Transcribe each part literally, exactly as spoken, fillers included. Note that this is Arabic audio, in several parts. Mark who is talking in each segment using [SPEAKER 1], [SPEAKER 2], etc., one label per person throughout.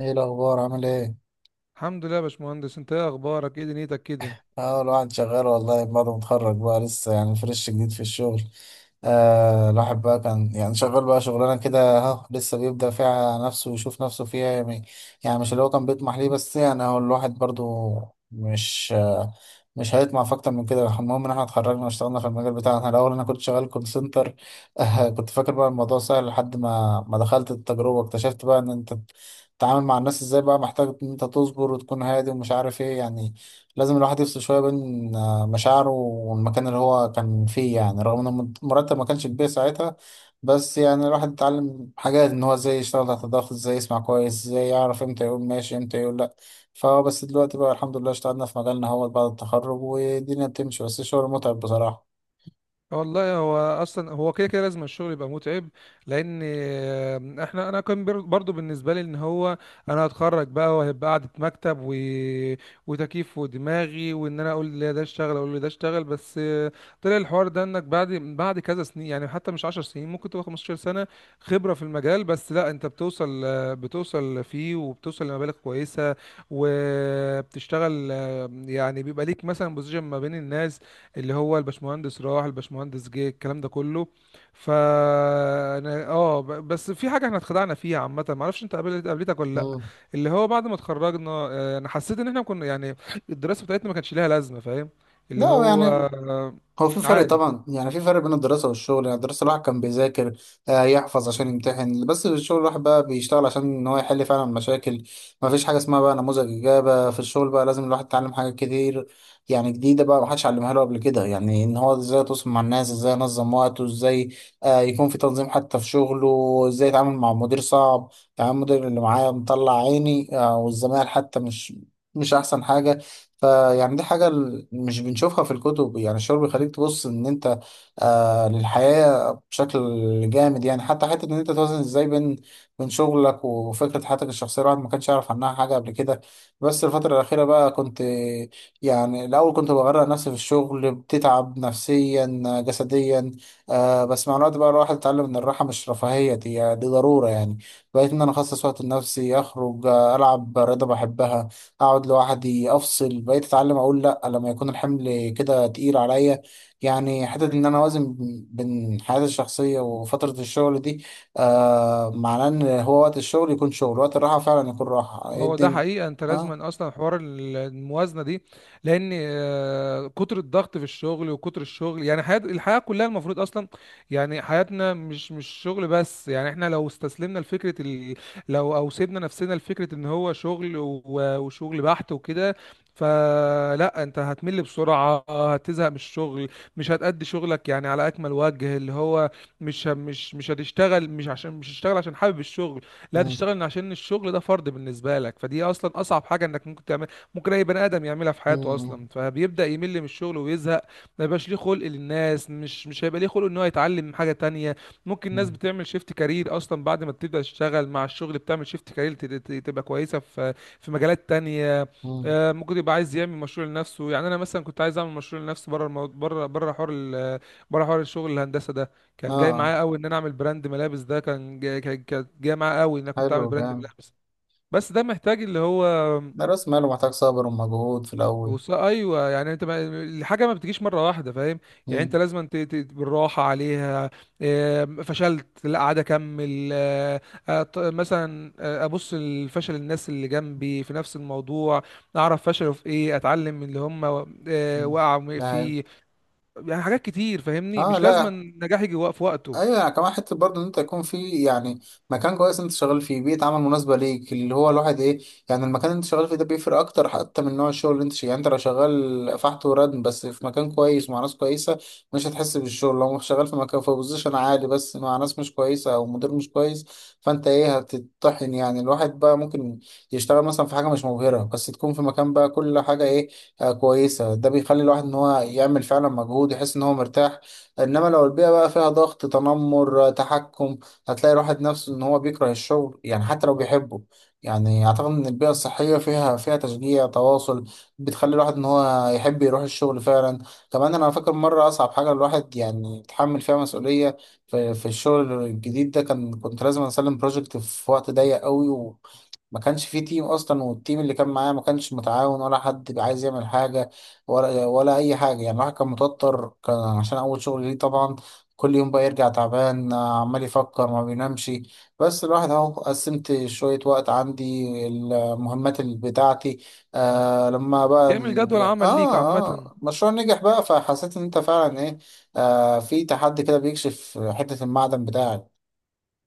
[SPEAKER 1] ايه الاخبار، عامل ايه؟
[SPEAKER 2] الحمد لله يا باشمهندس، انت ايه اخبارك؟ ايه دنيتك كده؟
[SPEAKER 1] اه الواحد شغال والله، بعد ما اتخرج بقى لسه يعني فريش جديد في الشغل. آه الواحد بقى كان يعني شغال بقى شغلانة كده، اهو لسه بيبدأ فيها نفسه ويشوف نفسه فيها يعني, يعني مش اللي هو كان بيطمح ليه، بس يعني هو الواحد برضو مش آه مش هيطمع في اكتر من كده. المهم ان احنا اتخرجنا واشتغلنا في المجال بتاعنا. الاول انا كنت شغال كول سنتر. آه كنت فاكر بقى الموضوع سهل لحد ما ما دخلت التجربة، اكتشفت بقى ان انت تتعامل مع الناس ازاي. بقى محتاج ان انت تصبر وتكون هادي ومش عارف ايه يعني، لازم الواحد يفصل شوية بين آه، مشاعره والمكان اللي هو كان فيه، يعني رغم ان الم- المرتب ما كانش كبير ساعتها. بس يعني الواحد اتعلم حاجات، ان هو ازاي يشتغل تحت الضغط، ازاي يسمع كويس، ازاي يعرف امتى يقول ماشي، امتى يقول لا. فهو بس دلوقتي بقى الحمد لله اشتغلنا في مجالنا، هو بعد التخرج والدنيا بتمشي، بس الشغل متعب بصراحة.
[SPEAKER 2] والله هو اصلا هو كده كده لازم الشغل يبقى متعب. لان آمم، احنا انا كان بر- برضو بالنسبه لي ان هو انا هتخرج بقى وهيبقى قعده مكتب و... وتكييف ودماغي، وان انا اقول لي ده اشتغل اقول لي ده اشتغل. بس طلع الحوار ده انك بعد بعد كذا سنين، يعني حتى مش عشر سنين، ممكن تبقى خمستاشر سنه خبره في المجال. بس لا انت بتوصل بتوصل فيه، وبتوصل لمبالغ كويسه. وبتشتغل، آمم، يعني بيبقى ليك مثلا بوزيشن ما بين الناس، اللي هو الباشمهندس راح الباشمهندس جه، الكلام ده كله. فانا اه ب- بس في حاجه احنا اتخدعنا فيها عامه، ما اعرفش انت قابلت قابلتك ولا لا،
[SPEAKER 1] مم.
[SPEAKER 2] اللي هو بعد ما اتخرجنا، آه، انا حسيت ان احنا كنا يعني الدراسه بتاعتنا ما كانش ليها لازمه، فاهم؟ اللي
[SPEAKER 1] لا
[SPEAKER 2] هو
[SPEAKER 1] يعني،
[SPEAKER 2] آه،
[SPEAKER 1] هو في فرق
[SPEAKER 2] عادي.
[SPEAKER 1] طبعا، يعني في فرق بين الدراسة والشغل. يعني الدراسة الواحد كان بيذاكر، آه، يحفظ عشان يمتحن، بس الشغل الواحد بقى بيشتغل عشان ان هو يحل فعلا مشاكل. ما فيش حاجة اسمها بقى نموذج إجابة في الشغل. بقى لازم الواحد يتعلم حاجات كتير، يعني جديدة بقى محدش علمها له قبل كده. يعني ان هو ازاي يتواصل مع الناس، ازاي ينظم وقته، ازاي آه، يكون في تنظيم حتى في شغله، ازاي يتعامل مع مدير صعب. يعني المدير اللي معايا مطلع عيني، آه، والزمايل حتى مش مش احسن حاجة. فيعني دي حاجة ال- مش بنشوفها في الكتب. يعني الشعور بيخليك تبص إن أنت آه للحياة بشكل جامد. يعني حتى حتة إن أنت توازن إزاي بين بين شغلك وفكرة حياتك الشخصية. الواحد ما كانش يعرف عنها حاجة قبل كده. بس الفترة الأخيرة بقى كنت، يعني الأول كنت بغرق نفسي في الشغل، بتتعب نفسيا آه، جسديا. آه بس مع الوقت بقى الواحد اتعلم إن الراحة مش رفاهية، دي, دي ضرورة. يعني بقيت إن أنا أخصص وقت لنفسي، أخرج آه، ألعب رياضة بحبها، اقعد لوحدي، افصل. بقيت اتعلم اقول لا لما يكون الحمل كده تقيل عليا. يعني حتى ان انا اوازن بين حياتي الشخصيه وفتره الشغل دي. آه معناه ان هو وقت الشغل يكون شغل، وقت الراحه فعلا يكون راحه. ايه
[SPEAKER 2] هو ده
[SPEAKER 1] الدنيا؟
[SPEAKER 2] حقيقة، انت لازم
[SPEAKER 1] اه.
[SPEAKER 2] اصلا حوار ال- الموازنة دي. لان آه، كتر الضغط في الشغل وكتر الشغل، يعني حياة الحياة كلها المفروض اصلا، يعني حياتنا مش مش شغل بس. يعني احنا لو استسلمنا لفكرة ال... لو او سيبنا نفسنا لفكرة ان هو شغل و... وشغل بحت وكده، فلا انت هتمل بسرعة، هتزهق من الشغل، مش هتأدي شغلك يعني على اكمل وجه. اللي هو مش مش مش هتشتغل مش عشان مش هتشتغل عشان حابب الشغل، لا
[SPEAKER 1] مم.
[SPEAKER 2] تشتغل عشان الشغل ده فرض بالنسبه لك. فدي اصلا اصعب حاجه انك ممكن تعمل، ممكن اي بني ادم يعملها في حياته
[SPEAKER 1] مم.
[SPEAKER 2] اصلا. فبيبدا يمل من الشغل ويزهق، ما يبقاش ليه خلق للناس، مش مش هيبقى ليه خلق ان هو يتعلم حاجه تانية. ممكن الناس
[SPEAKER 1] مم.
[SPEAKER 2] بتعمل شيفت كارير اصلا، بعد ما بتبدا تشتغل مع الشغل بتعمل شيفت كارير، تبقى كويسه في في مجالات تانية.
[SPEAKER 1] مم.
[SPEAKER 2] آه، ممكن يبقى عايز يعمل مشروع لنفسه. يعني انا مثلا كنت عايز اعمل مشروع لنفسي بره المو... بره بره حوار ال... بره حوار الشغل الهندسه ده. كان جاي
[SPEAKER 1] اه،
[SPEAKER 2] معايا قوي ان انا اعمل براند ملابس، ده كان جاي كان- كانت جايه معايا قوي ان انا كنت
[SPEAKER 1] حلو
[SPEAKER 2] اعمل براند
[SPEAKER 1] جامد.
[SPEAKER 2] ملابس. بس ده محتاج اللي هو
[SPEAKER 1] ده راس ماله، محتاج صبر ومجهود في الاول.
[SPEAKER 2] وص- ايوه، يعني انت ما... الحاجه ما بتجيش مره واحده، فاهم؟ يعني انت
[SPEAKER 1] مم.
[SPEAKER 2] لازم ت... ت... بالراحه عليها. آه، فشلت، لا عاد اكمل. آه، آه، ط- مثلا آه، ابص لفشل الناس اللي جنبي في نفس الموضوع، اعرف فشلوا في ايه، اتعلم من اللي هم و- آه،
[SPEAKER 1] مم.
[SPEAKER 2] وقعوا
[SPEAKER 1] ده حلو.
[SPEAKER 2] فيه. يعني حاجات كتير، فاهمني؟
[SPEAKER 1] اه،
[SPEAKER 2] مش لازم
[SPEAKER 1] لا.
[SPEAKER 2] النجاح يجي وق- في وقته.
[SPEAKER 1] ايوه، يعني كمان حته برضه ان انت يكون في، يعني مكان كويس انت شغال فيه، بيئه عمل مناسبه ليك، اللي هو الواحد ايه، يعني المكان اللي انت شغال فيه ده بيفرق اكتر حتى من نوع الشغل اللي انت شغال. يعني انت لو شغال فحت وردم بس في مكان كويس مع ناس كويسه، مش هتحس بالشغل. لو شغال في مكان في بوزيشن عالي بس مع ناس مش كويسه او مدير مش كويس، فانت ايه هتتطحن. يعني الواحد بقى ممكن يشتغل مثلا في حاجه مش مبهره، بس تكون في مكان بقى كل حاجه ايه، آه كويسه. ده بيخلي الواحد ان هو يعمل فعلا مجهود، يحس ان هو مرتاح. انما لو البيئه بقى فيها ضغط، تنمر، تحكم، هتلاقي الواحد نفسه ان هو بيكره الشغل، يعني حتى لو بيحبه. يعني اعتقد ان البيئه الصحيه فيها فيها تشجيع، تواصل، بتخلي الواحد ان هو يحب يروح الشغل فعلا. كمان انا فاكر مره، اصعب حاجه الواحد يعني يتحمل فيها مسؤوليه، في, في الشغل الجديد ده، كان كنت لازم اسلم بروجكت في وقت ضيق قوي. ما كانش فيه تيم اصلا، والتيم اللي كان معاه ما كانش متعاون، ولا حد بقى عايز يعمل حاجه ولا ولا اي حاجه. يعني الواحد كان متوتر، كان عشان اول شغل ليه طبعا. كل يوم بقى يرجع تعبان، آه، عمال يفكر ما بينامش. بس الواحد اهو قسمت شويه وقت عندي، المهمات اللي بتاعتي. آه لما بقى
[SPEAKER 2] تعمل
[SPEAKER 1] ال...
[SPEAKER 2] جدول
[SPEAKER 1] يعني
[SPEAKER 2] عمل ليك
[SPEAKER 1] اه
[SPEAKER 2] عامه.
[SPEAKER 1] اه المشروع نجح بقى، فحسيت ان انت فعلا ايه. آه في تحدي كده بيكشف حته المعدن بتاعك.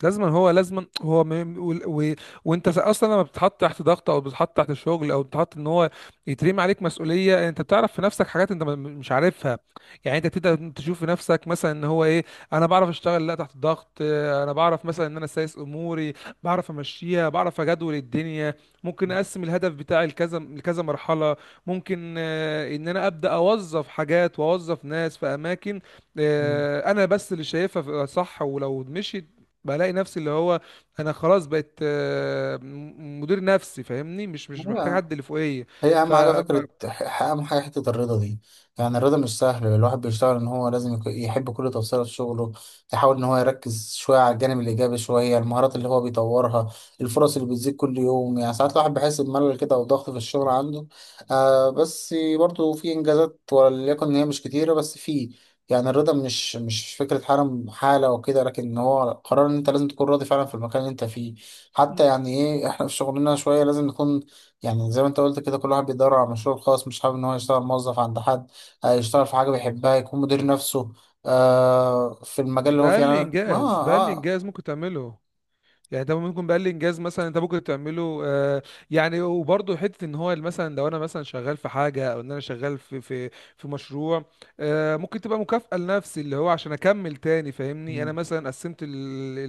[SPEAKER 2] لازما هو لازما هو م... م- و... و... وانت س- اصلا لما بتتحط تحت ضغط، او بتتحط تحت الشغل، او بتتحط ان هو يترمي عليك مسؤوليه، انت بتعرف في نفسك حاجات انت م- مش عارفها. يعني انت بتبدا تشوف في نفسك مثلا ان هو ايه، انا بعرف اشتغل لا تحت ضغط. اه، انا بعرف مثلا ان انا سايس اموري، بعرف امشيها، بعرف اجدول الدنيا. ممكن اقسم الهدف بتاعي لكذا لكذا مرحله. ممكن اه، ان انا ابدا اوظف حاجات واوظف ناس في اماكن اه، انا بس اللي شايفها صح. ولو مشيت، بلاقي نفسي اللي هو انا خلاص بقيت، آه، م- مدير نفسي، فاهمني؟ مش مش محتاج
[SPEAKER 1] مم.
[SPEAKER 2] حد اللي فوقيه.
[SPEAKER 1] هي
[SPEAKER 2] ف
[SPEAKER 1] أهم حاجة،
[SPEAKER 2] ف-
[SPEAKER 1] فكرة ح- أهم حاجة حتة الرضا دي. يعني الرضا مش سهل. الواحد بيشتغل إن هو لازم يك- يحب كل تفصيلة في شغله، يحاول إن هو يركز شوية على الجانب الإيجابي، شوية المهارات اللي هو بيطورها، الفرص اللي بتزيد كل يوم. يعني ساعات الواحد بيحس بملل كده أو ضغط في الشغل عنده، آه بس برضه في إنجازات، وليكن إن هي مش كتيرة، بس في. يعني الرضا مش مش فكرة حالة حالة وكده، لكن هو قرار إن أنت لازم تكون راضي فعلا في المكان اللي أنت فيه. حتى يعني إيه، إحنا في شغلنا شوية لازم نكون، يعني زي ما انت قلت كده، كل واحد بيدور على مشروع خاص، مش حابب ان هو يشتغل موظف عند حد، آه، يشتغل في حاجة بيحبها، يكون مدير نفسه آه في المجال اللي هو فيه.
[SPEAKER 2] بقى لي
[SPEAKER 1] يعني أنا-
[SPEAKER 2] انجاز، بقى
[SPEAKER 1] اه
[SPEAKER 2] لي
[SPEAKER 1] اه
[SPEAKER 2] انجاز ممكن تعمله. يعني ده ممكن بقى الانجاز مثلا انت ممكن تعمله آه، يعني. وبرضه حته ان هو مثلا لو انا مثلا شغال في حاجه، او ان انا شغال في في في مشروع، آه، ممكن تبقى مكافاه لنفسي، اللي هو عشان اكمل تاني، فاهمني؟ انا مثلا قسمت ال ال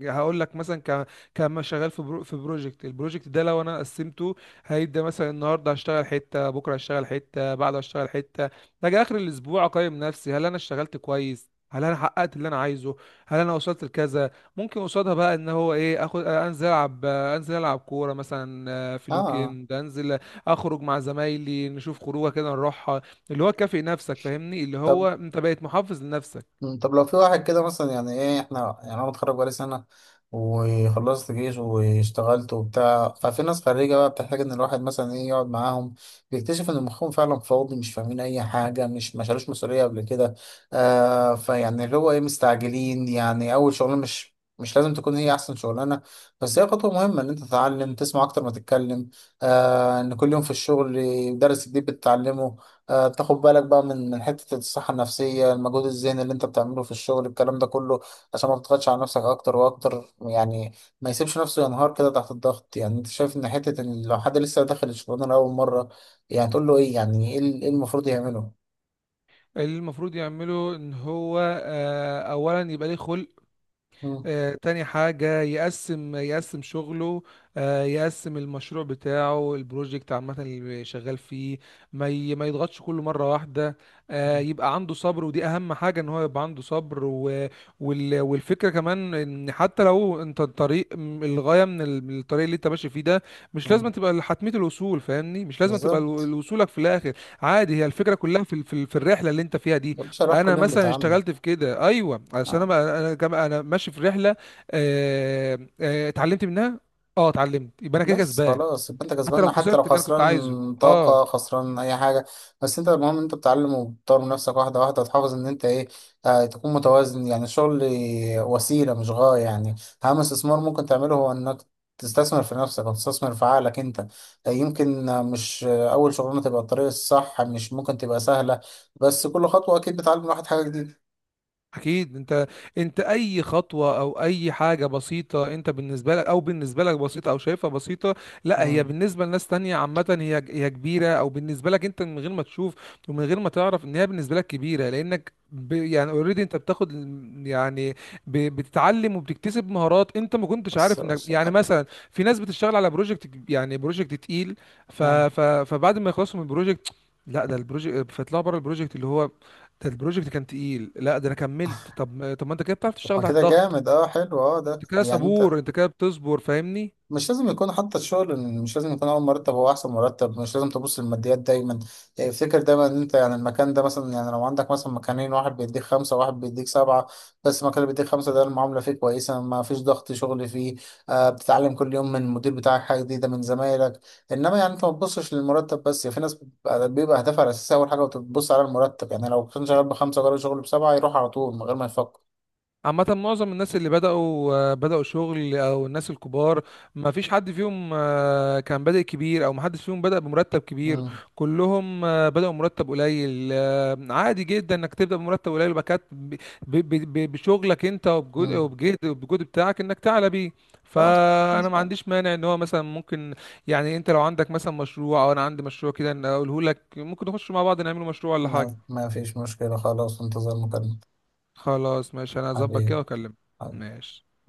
[SPEAKER 2] ال هقول لك مثلا ك كما شغال في برو في بروجكت. البروجكت ده لو انا قسمته، هيبدا مثلا النهارده هشتغل حته، بكره هشتغل حته، بعده هشتغل حته، اجي اخر الاسبوع اقيم نفسي: هل انا اشتغلت كويس؟ هل انا حققت اللي انا عايزه؟ هل انا وصلت لكذا؟ ممكن قصادها بقى ان هو ايه، اخد انزل العب، انزل العب كوره مثلا، آه، في
[SPEAKER 1] اه,
[SPEAKER 2] الويك
[SPEAKER 1] آه.
[SPEAKER 2] اند انزل اخرج مع زمايلي نشوف خروجه كده نروحها. اللي هو كافئ نفسك، فاهمني؟ اللي
[SPEAKER 1] طب.
[SPEAKER 2] هو انت بقيت محافظ لنفسك.
[SPEAKER 1] مم، طب لو في واحد كده مثلا، يعني ايه، احنا يعني انا متخرج بقالي سنة، وخلصت جيش، واشتغلت وبتاع. ففي ناس خريجة بقى بتحتاج ان الواحد مثلا ايه يقعد معاهم، بيكتشف ان مخهم فعلا فاضي، مش فاهمين اي حاجة، مش ما شالوش مسؤولية قبل كده. آه فيعني اللي هو ايه، مستعجلين. يعني اول شغلانة مش مش لازم تكون هي احسن شغلانه، بس هي خطوه مهمه ان انت تتعلم تسمع اكتر ما تتكلم. آه ان كل يوم في الشغل درس جديد بتتعلمه. آه، تاخد بالك بقى من من حتة الصحة النفسية، المجهود الذهني اللي انت بتعمله في الشغل الكلام ده كله، عشان ما تضغطش على نفسك اكتر واكتر. يعني ما يسيبش نفسه ينهار كده تحت الضغط. يعني انت شايف ان حتة ان لو حد لسه داخل الشغلانة لأول مرة، يعني تقول له ايه، يعني ايه ال- إيه المفروض يعمله؟
[SPEAKER 2] اللي المفروض يعمله ان هو آه، اولا يبقى ليه خلق.
[SPEAKER 1] مم.
[SPEAKER 2] آه، تاني حاجة يقسم يقسم شغله، آه، يقسم المشروع بتاعه، البروجكت عامة اللي شغال فيه، ما ي- ما يضغطش كله مرة واحدة. آه، يبقى عنده صبر، ودي أهم حاجة، إن هو يبقى عنده صبر. و- وال- والفكرة كمان إن حتى لو أنت الطريق م- الغاية من ال- من الطريق اللي أنت ماشي فيه ده، مش لازم
[SPEAKER 1] مم.
[SPEAKER 2] تبقى حتمية الوصول، فاهمني؟ مش لازم تبقى
[SPEAKER 1] بالظبط.
[SPEAKER 2] ال- وصولك في الآخر. عادي، هي الفكرة كلها في ال- في ال- في الرحلة اللي أنت فيها دي.
[SPEAKER 1] ده بصراحة
[SPEAKER 2] انا
[SPEAKER 1] كل يوم
[SPEAKER 2] مثلا
[SPEAKER 1] بيتعامل.
[SPEAKER 2] اشتغلت في كده ايوه، عشان
[SPEAKER 1] آه.
[SPEAKER 2] انا انا كم- انا ماشي في رحله، آه، آه، اتعلمت منها. اه، اتعلمت، يبقى انا كده
[SPEAKER 1] بس
[SPEAKER 2] كسبان.
[SPEAKER 1] خلاص يبقى انت
[SPEAKER 2] حتى لو
[SPEAKER 1] كسبان حتى لو
[SPEAKER 2] خسرت اللي انا كنت عايزه،
[SPEAKER 1] خسران
[SPEAKER 2] اه.
[SPEAKER 1] طاقة، خسران أي حاجة. بس انت المهم انت بتتعلم وبتطور من نفسك واحدة واحدة، وتحافظ ان انت ايه، آه تكون متوازن. يعني الشغل وسيلة مش غاية. يعني أهم استثمار ممكن تعمله هو انك تستثمر في نفسك وتستثمر في عقلك انت. آه، يمكن آه، مش آه، أول شغلانة تبقى الطريق الصح، مش ممكن تبقى سهلة، بس كل خطوة أكيد بتعلم الواحد حاجة جديدة.
[SPEAKER 2] اكيد. انت، انت اي خطوه او اي حاجه بسيطه، انت بالنسبه لك، او بالنسبه لك بسيطه او شايفها بسيطه، لا هي
[SPEAKER 1] مم.
[SPEAKER 2] بالنسبه لناس تانية عامه، هي هي كبيره. او بالنسبه لك انت، من غير ما تشوف ومن غير ما تعرف ان هي بالنسبه لك كبيره، لانك ب يعني اوريدي انت بتاخد ال- يعني ب بتتعلم وبتكتسب مهارات انت ما كنتش
[SPEAKER 1] بس
[SPEAKER 2] عارف انك يعني
[SPEAKER 1] آه
[SPEAKER 2] مثلا. في ناس بتشتغل على بروجكت، يعني بروجكت تقيل، ف
[SPEAKER 1] آه.
[SPEAKER 2] ف فبعد ما يخلصوا من البروجكت، لا ده البروجكت، فيطلعوا بره البروجكت اللي هو ده البروجكت كان تقيل، لا ده انا كملت. طب ما- طب ما انت كده بتعرف
[SPEAKER 1] طب ما
[SPEAKER 2] تشتغل تحت
[SPEAKER 1] كده
[SPEAKER 2] ضغط،
[SPEAKER 1] جامد، اه حلو، اه ده
[SPEAKER 2] انت كده
[SPEAKER 1] يعني انت
[SPEAKER 2] صبور، انت كده بتصبر، فاهمني؟
[SPEAKER 1] مش لازم يكون حتى الشغل، مش لازم يكون اول مرتب هو احسن مرتب. مش لازم تبص للماديات دايما. يعني افتكر دايما ان انت، يعني المكان ده، مثلا يعني لو عندك مثلا مكانين، واحد بيديك خمسة وواحد بيديك سبعة، بس المكان اللي بيديك خمسة ده المعاملة فيه كويسة، ما فيش ضغط شغل فيه، آه بتتعلم كل يوم من المدير بتاعك حاجة جديدة من زمايلك. انما يعني انت ما تبصش للمرتب بس. يعني في ناس بيبقى بيبقى هدفها الاساسي اول حاجة وتبص على المرتب. يعني لو كان شغال بخمسة وجرب شغل بسبعة، يروح على طول من غير ما يفكر.
[SPEAKER 2] عامة معظم الناس اللي بدأوا، آه، بدأوا شغل، أو الناس الكبار، ما فيش حد فيهم آه، كان بادئ كبير، أو ما حدش فيهم بدأ بمرتب كبير.
[SPEAKER 1] مم.
[SPEAKER 2] كلهم آه، بدأوا مرتب قليل. آه، عادي جدا إنك تبدأ بمرتب قليل، وبعد كده ب- ب- ب- بشغلك أنت، وبجهد
[SPEAKER 1] مم.
[SPEAKER 2] وبجهد وبجهد بتاعك، إنك تعلى بيه.
[SPEAKER 1] لا.
[SPEAKER 2] فأنا ما عنديش مانع إن هو مثلا ممكن، يعني أنت لو عندك مثلا مشروع، أو أنا عندي مشروع كده، إن أقوله لك ممكن نخش مع بعض نعمله مشروع ولا حاجة.
[SPEAKER 1] ما ما فيش مشكلة، خلاص. انتظر مكالمة.
[SPEAKER 2] خلاص ماشي، أنا هظبط
[SPEAKER 1] حبيبي،
[SPEAKER 2] كده وأكلمك.
[SPEAKER 1] حبيبي.
[SPEAKER 2] ماشي.